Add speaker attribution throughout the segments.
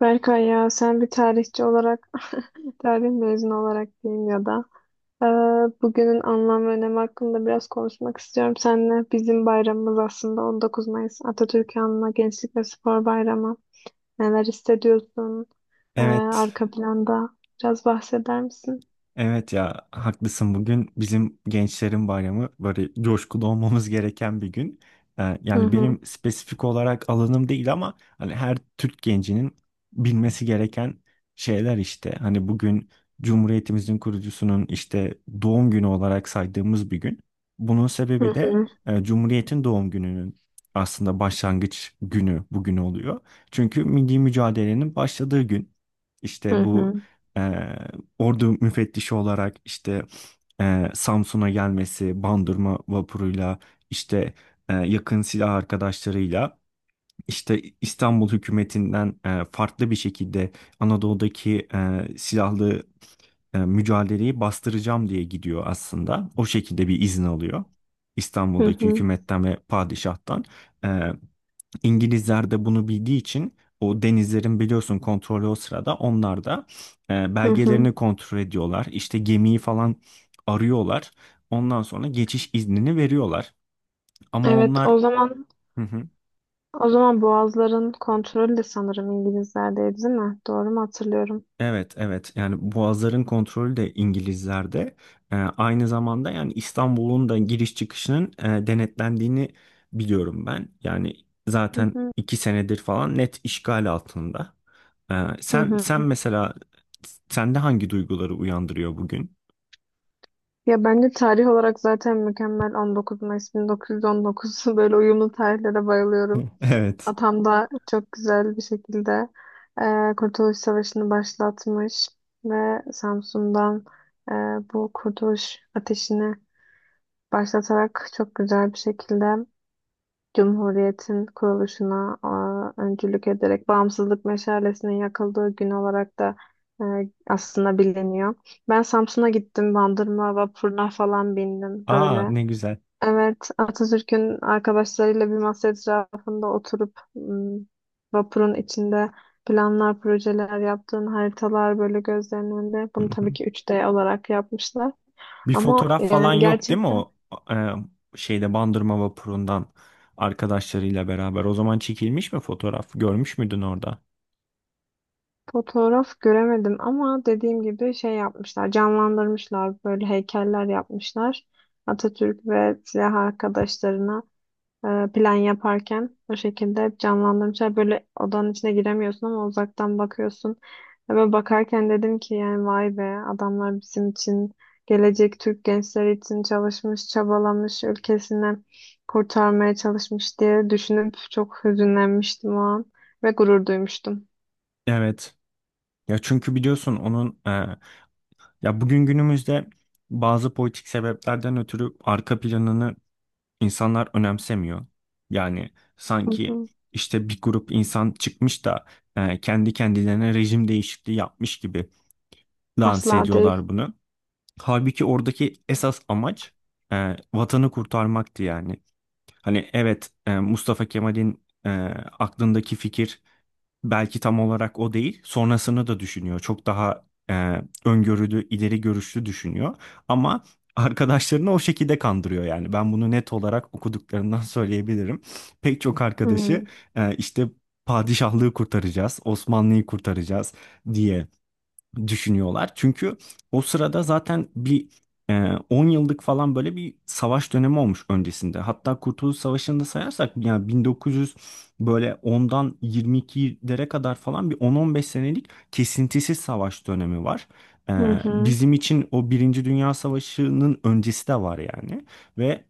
Speaker 1: Berkay, ya sen bir tarihçi olarak, tarih mezunu olarak diyeyim ya da eee, bugünün anlam ve önemi hakkında biraz konuşmak istiyorum seninle. Bizim bayramımız aslında 19 Mayıs Atatürk'ü Anma Gençlik ve Spor Bayramı. Neler hissediyorsun
Speaker 2: Evet,
Speaker 1: arka planda? Biraz bahseder misin?
Speaker 2: evet, ya haklısın. Bugün bizim gençlerin bayramı, böyle coşkulu olmamız gereken bir gün. Ee,
Speaker 1: Hı
Speaker 2: yani
Speaker 1: hı.
Speaker 2: benim spesifik olarak alanım değil ama hani her Türk gencinin bilmesi gereken şeyler işte. Hani bugün Cumhuriyetimizin kurucusunun işte doğum günü olarak saydığımız bir gün. Bunun
Speaker 1: Hı
Speaker 2: sebebi de
Speaker 1: hı.
Speaker 2: Cumhuriyet'in doğum gününün aslında başlangıç günü bugün oluyor. Çünkü milli mücadelenin başladığı gün.
Speaker 1: Hı
Speaker 2: İşte bu
Speaker 1: hı.
Speaker 2: ordu müfettişi olarak işte Samsun'a gelmesi, Bandırma vapuruyla işte yakın silah arkadaşlarıyla işte İstanbul hükümetinden farklı bir şekilde Anadolu'daki silahlı mücadeleyi bastıracağım diye gidiyor aslında. O şekilde bir izin alıyor
Speaker 1: Hı
Speaker 2: İstanbul'daki
Speaker 1: hı.
Speaker 2: hükümetten ve padişahtan. İngilizler de bunu bildiği için, o denizlerin biliyorsun kontrolü o sırada onlar da
Speaker 1: Hı hı.
Speaker 2: belgelerini kontrol ediyorlar. İşte gemiyi falan arıyorlar. Ondan sonra geçiş iznini veriyorlar. Ama
Speaker 1: Evet,
Speaker 2: onlar.
Speaker 1: o zaman
Speaker 2: Hı hı.
Speaker 1: Boğazların kontrolü de sanırım İngilizlerdeydi, değil mi? Doğru mu hatırlıyorum?
Speaker 2: Evet, evet, yani boğazların kontrolü de İngilizlerde. Aynı zamanda yani İstanbul'un da giriş çıkışının denetlendiğini biliyorum ben. Yani
Speaker 1: Hı
Speaker 2: zaten
Speaker 1: hı.
Speaker 2: iki senedir falan net işgal altında. Ee,
Speaker 1: Hı
Speaker 2: sen sen
Speaker 1: hı.
Speaker 2: mesela sende hangi duyguları uyandırıyor bugün?
Speaker 1: Ya bence tarih olarak zaten mükemmel, 19 Mayıs 1919. Böyle uyumlu tarihlere bayılıyorum.
Speaker 2: Evet.
Speaker 1: Atam da çok güzel bir şekilde Kurtuluş Savaşı'nı başlatmış ve Samsun'dan e, bu kurtuluş ateşini başlatarak çok güzel bir şekilde Cumhuriyet'in kuruluşuna öncülük ederek bağımsızlık meşalesinin yakıldığı gün olarak da e, aslında biliniyor. Ben Samsun'a gittim, Bandırma vapuruna falan bindim
Speaker 2: Aa,
Speaker 1: böyle.
Speaker 2: ne güzel.
Speaker 1: Evet, Atatürk'ün arkadaşlarıyla bir masa etrafında oturup vapurun içinde planlar, projeler yaptığın haritalar böyle gözlerinin önünde.
Speaker 2: Hı
Speaker 1: Bunu
Speaker 2: hı.
Speaker 1: tabii ki üç d olarak yapmışlar.
Speaker 2: Bir
Speaker 1: Ama
Speaker 2: fotoğraf falan
Speaker 1: yani
Speaker 2: yok
Speaker 1: gerçi,
Speaker 2: değil mi o şeyde, Bandırma vapurundan arkadaşlarıyla beraber? O zaman çekilmiş mi fotoğraf? Görmüş müydün orada?
Speaker 1: fotoğraf göremedim ama dediğim gibi şey yapmışlar, canlandırmışlar, böyle heykeller yapmışlar. Atatürk ve silah arkadaşlarına plan yaparken o şekilde hep canlandırmışlar. Böyle odanın içine giremiyorsun ama uzaktan bakıyorsun. Ve ben bakarken dedim ki, yani vay be, adamlar bizim için, gelecek Türk gençleri için çalışmış, çabalamış, ülkesini kurtarmaya çalışmış diye düşünüp çok hüzünlenmiştim o an ve gurur duymuştum.
Speaker 2: Evet. Ya çünkü biliyorsun onun ya bugün günümüzde bazı politik sebeplerden ötürü arka planını İnsanlar önemsemiyor. Yani sanki işte bir grup insan çıkmış da kendi kendilerine rejim değişikliği yapmış gibi lanse
Speaker 1: Asla değil.
Speaker 2: ediyorlar bunu. Halbuki oradaki esas amaç vatanı kurtarmaktı yani. Hani evet, Mustafa Kemal'in aklındaki fikir belki tam olarak o değil. Sonrasını da düşünüyor. Çok daha öngörülü, ileri görüşlü düşünüyor. Ama arkadaşlarını o şekilde kandırıyor yani. Ben bunu net olarak okuduklarından söyleyebilirim. Pek çok arkadaşı
Speaker 1: Hmm.
Speaker 2: işte padişahlığı kurtaracağız, Osmanlı'yı kurtaracağız diye düşünüyorlar. Çünkü o sırada zaten bir 10 yıllık falan böyle bir savaş dönemi olmuş öncesinde. Hatta Kurtuluş Savaşı'nı da sayarsak, yani 1900 böyle 10'dan 22'lere kadar falan bir 10-15 senelik kesintisiz savaş dönemi var. E,
Speaker 1: Hı hı.
Speaker 2: bizim için o Birinci Dünya Savaşı'nın öncesi de var yani. Ve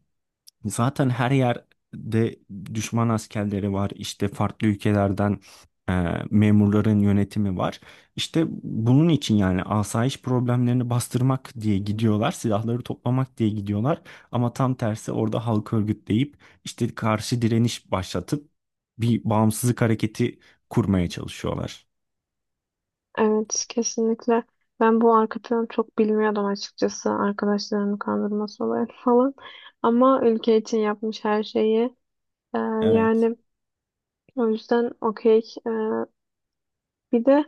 Speaker 2: zaten her yerde düşman askerleri var. İşte farklı ülkelerden e, memurların yönetimi var. İşte bunun için yani asayiş problemlerini bastırmak diye gidiyorlar. Silahları toplamak diye gidiyorlar. Ama tam tersi, orada halk örgütleyip işte karşı direniş başlatıp bir bağımsızlık hareketi kurmaya çalışıyorlar.
Speaker 1: Evet, kesinlikle. Ben bu arka planı çok bilmiyordum açıkçası. Arkadaşlarımı kandırması olayı falan. Ama ülke için yapmış her şeyi. Ee,
Speaker 2: Evet.
Speaker 1: yani o yüzden okey. Ee, bir de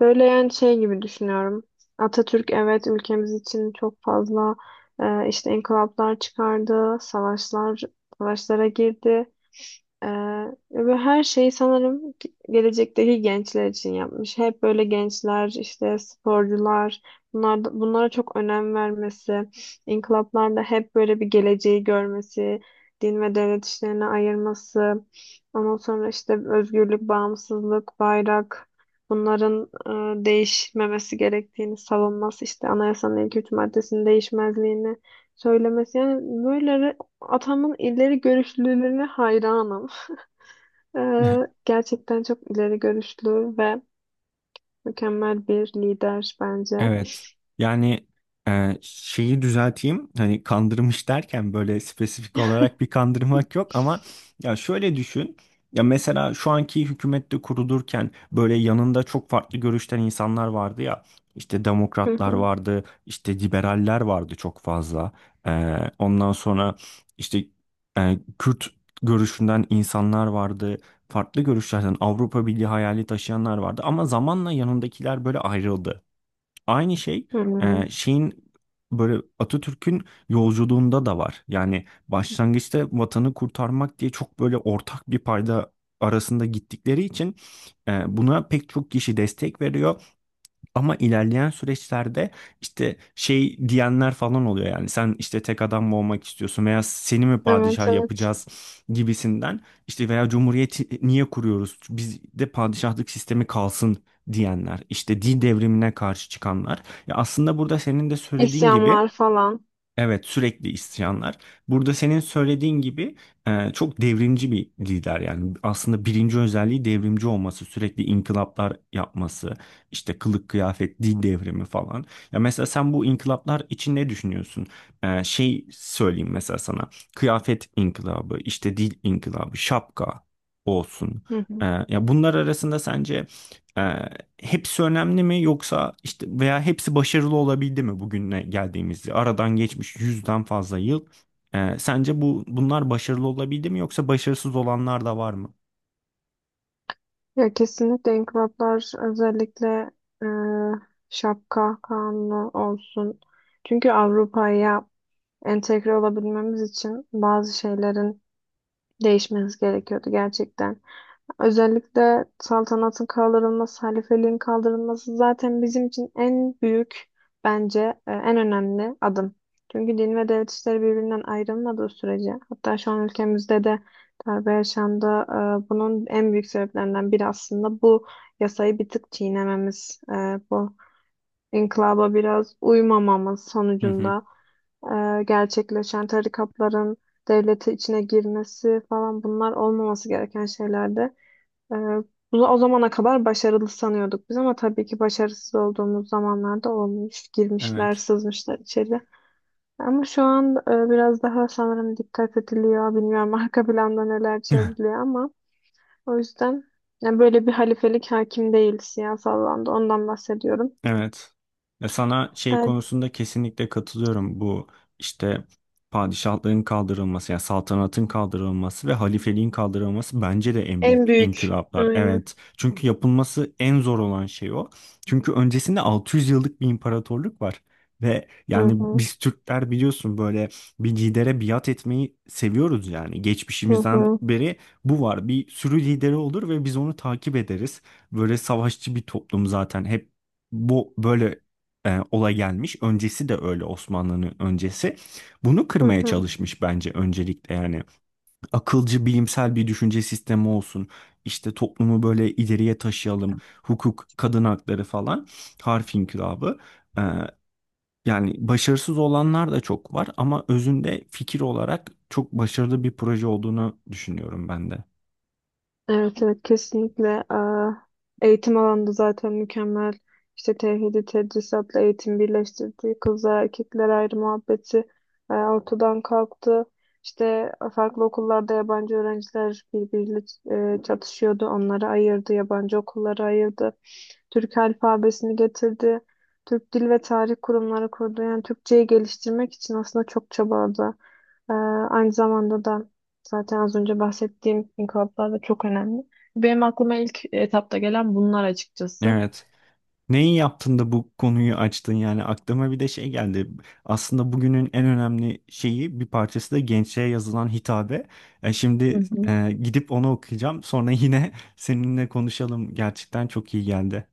Speaker 1: böyle yani şey gibi düşünüyorum. Atatürk, evet, ülkemiz için çok fazla işte inkılaplar çıkardı, savaşlara girdi. E, ve her şeyi gelecekteki gençler için yapmış. Hep böyle gençler, işte sporcular, bunlara çok önem vermesi, inkılaplarda hep böyle bir geleceği görmesi, din ve devlet işlerine ayırması, ondan sonra işte özgürlük, bağımsızlık, bayrak, bunların değişmemesi gerektiğini savunması, işte anayasanın ilk üç maddesinin değişmezliğini söylemesi. Yani böyle atamın ileri görüşlülüğüne hayranım. E, gerçekten çok ileri görüşlü ve mükemmel bir lider bence.
Speaker 2: Evet. Yani şeyi düzelteyim. Hani kandırmış derken böyle spesifik olarak bir kandırmak yok ama ya şöyle düşün. Ya mesela şu anki hükümette kurulurken böyle yanında çok farklı görüşten insanlar vardı ya. İşte
Speaker 1: Hı
Speaker 2: demokratlar
Speaker 1: hı.
Speaker 2: vardı, işte liberaller vardı çok fazla. Ondan sonra işte Kürt görüşünden insanlar vardı. Farklı görüşlerden Avrupa Birliği hayali taşıyanlar vardı ama zamanla yanındakiler böyle ayrıldı. Aynı şey
Speaker 1: Hı.
Speaker 2: şeyin, böyle Atatürk'ün yolculuğunda da var. Yani başlangıçta vatanı kurtarmak diye çok böyle ortak bir payda arasında gittikleri için buna pek çok kişi destek veriyor. Ama ilerleyen süreçlerde işte şey diyenler falan oluyor, yani sen işte tek adam mı olmak istiyorsun veya seni mi
Speaker 1: Evet,
Speaker 2: padişah
Speaker 1: evet.
Speaker 2: yapacağız gibisinden, işte veya cumhuriyeti niye kuruyoruz, biz de padişahlık sistemi kalsın diyenler, işte din devrimine karşı çıkanlar. Ya aslında burada senin de söylediğin
Speaker 1: İsyanlar
Speaker 2: gibi.
Speaker 1: falan.
Speaker 2: Evet, sürekli isyanlar. Burada senin söylediğin gibi çok devrimci bir lider, yani aslında birinci özelliği devrimci olması, sürekli inkılaplar yapması, işte kılık kıyafet, dil devrimi falan. Ya mesela sen bu inkılaplar için ne düşünüyorsun? Şey söyleyeyim mesela sana. Kıyafet inkılabı, işte dil inkılabı, şapka olsun.
Speaker 1: Hı
Speaker 2: E,
Speaker 1: hı.
Speaker 2: ya bunlar arasında sence hepsi önemli mi, yoksa işte veya hepsi başarılı olabildi mi bugüne geldiğimizde? Aradan geçmiş yüzden fazla yıl. Sence bu bunlar başarılı olabildi mi yoksa başarısız olanlar da var mı?
Speaker 1: Ya kesinlikle inkılaplar, özellikle e, şapka kanunu olsun. Çünkü Avrupa'ya entegre olabilmemiz için bazı şeylerin değişmesi gerekiyordu gerçekten. Özellikle saltanatın kaldırılması, halifeliğin kaldırılması zaten bizim için en büyük, bence en önemli adım. Çünkü din ve devlet işleri birbirinden ayrılmadığı sürece, hatta şu an ülkemizde de darbe yaşandı. Bunun en büyük sebeplerinden biri aslında bu yasayı bir tık çiğnememiz, bu inkılaba biraz uymamamız
Speaker 2: Hı hı.
Speaker 1: sonucunda gerçekleşen tarikatların devlete içine girmesi falan, bunlar olmaması gereken şeylerdi. Ee, bunu o zamana kadar başarılı sanıyorduk biz ama tabii ki başarısız olduğumuz zamanlarda olmuş. Girmişler,
Speaker 2: Evet.
Speaker 1: sızmışlar içeri. Ama şu an biraz daha sanırım dikkat ediliyor. Bilmiyorum, arka planda neler çevriliyor ama o yüzden, yani, böyle bir halifelik hakim değil siyasal alanda. Ondan bahsediyorum.
Speaker 2: Evet. Ya sana şey
Speaker 1: Ee,
Speaker 2: konusunda kesinlikle katılıyorum. Bu işte padişahlığın kaldırılması, yani saltanatın kaldırılması ve halifeliğin kaldırılması bence de en
Speaker 1: en
Speaker 2: büyük
Speaker 1: büyük.
Speaker 2: inkılaplar.
Speaker 1: Aynen.
Speaker 2: Evet. Çünkü yapılması en zor olan şey o. Çünkü öncesinde 600 yıllık bir imparatorluk var. Ve
Speaker 1: Hı
Speaker 2: yani
Speaker 1: hı.
Speaker 2: biz Türkler biliyorsun böyle bir lidere biat etmeyi seviyoruz yani.
Speaker 1: Hı
Speaker 2: Geçmişimizden
Speaker 1: hı.
Speaker 2: beri bu var. Bir sürü lideri olur ve biz onu takip ederiz. Böyle savaşçı bir toplum zaten. Hep bu böyle olay gelmiş. Öncesi de öyle, Osmanlı'nın öncesi. Bunu
Speaker 1: Hı
Speaker 2: kırmaya
Speaker 1: hı.
Speaker 2: çalışmış bence öncelikle yani. Akılcı, bilimsel bir düşünce sistemi olsun. İşte toplumu böyle ileriye taşıyalım. Hukuk, kadın hakları falan. Harf inkılabı. E, yani başarısız olanlar da çok var ama özünde fikir olarak çok başarılı bir proje olduğunu düşünüyorum ben de.
Speaker 1: Evet, evet, kesinlikle. Eğitim alanında zaten mükemmel. İşte tevhidi tedrisatla eğitim birleştirdi, kızlar erkekler ayrı muhabbeti ortadan kalktı. İşte farklı okullarda yabancı öğrenciler birbiriyle çatışıyordu. Onları ayırdı, yabancı okulları ayırdı. Türk alfabesini getirdi. Türk Dil ve Tarih Kurumları kurdu. Yani Türkçeyi geliştirmek için aslında çok çabaladı. Ee, aynı zamanda da zaten az önce bahsettiğim inkılaplar da çok önemli. Benim aklıma ilk etapta gelen bunlar açıkçası.
Speaker 2: Evet. Neyi yaptın da bu konuyu açtın, yani aklıma bir de şey geldi. Aslında bugünün en önemli şeyi, bir parçası da gençliğe yazılan hitabe. E,
Speaker 1: Hı
Speaker 2: şimdi
Speaker 1: hı.
Speaker 2: gidip onu okuyacağım. Sonra yine seninle konuşalım. Gerçekten çok iyi geldi.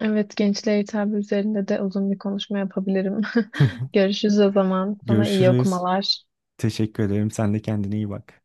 Speaker 1: Evet, gençliğe hitap üzerinde de uzun bir konuşma yapabilirim. Görüşürüz o zaman. Sana iyi
Speaker 2: Görüşürüz.
Speaker 1: okumalar.
Speaker 2: Teşekkür ederim. Sen de kendine iyi bak.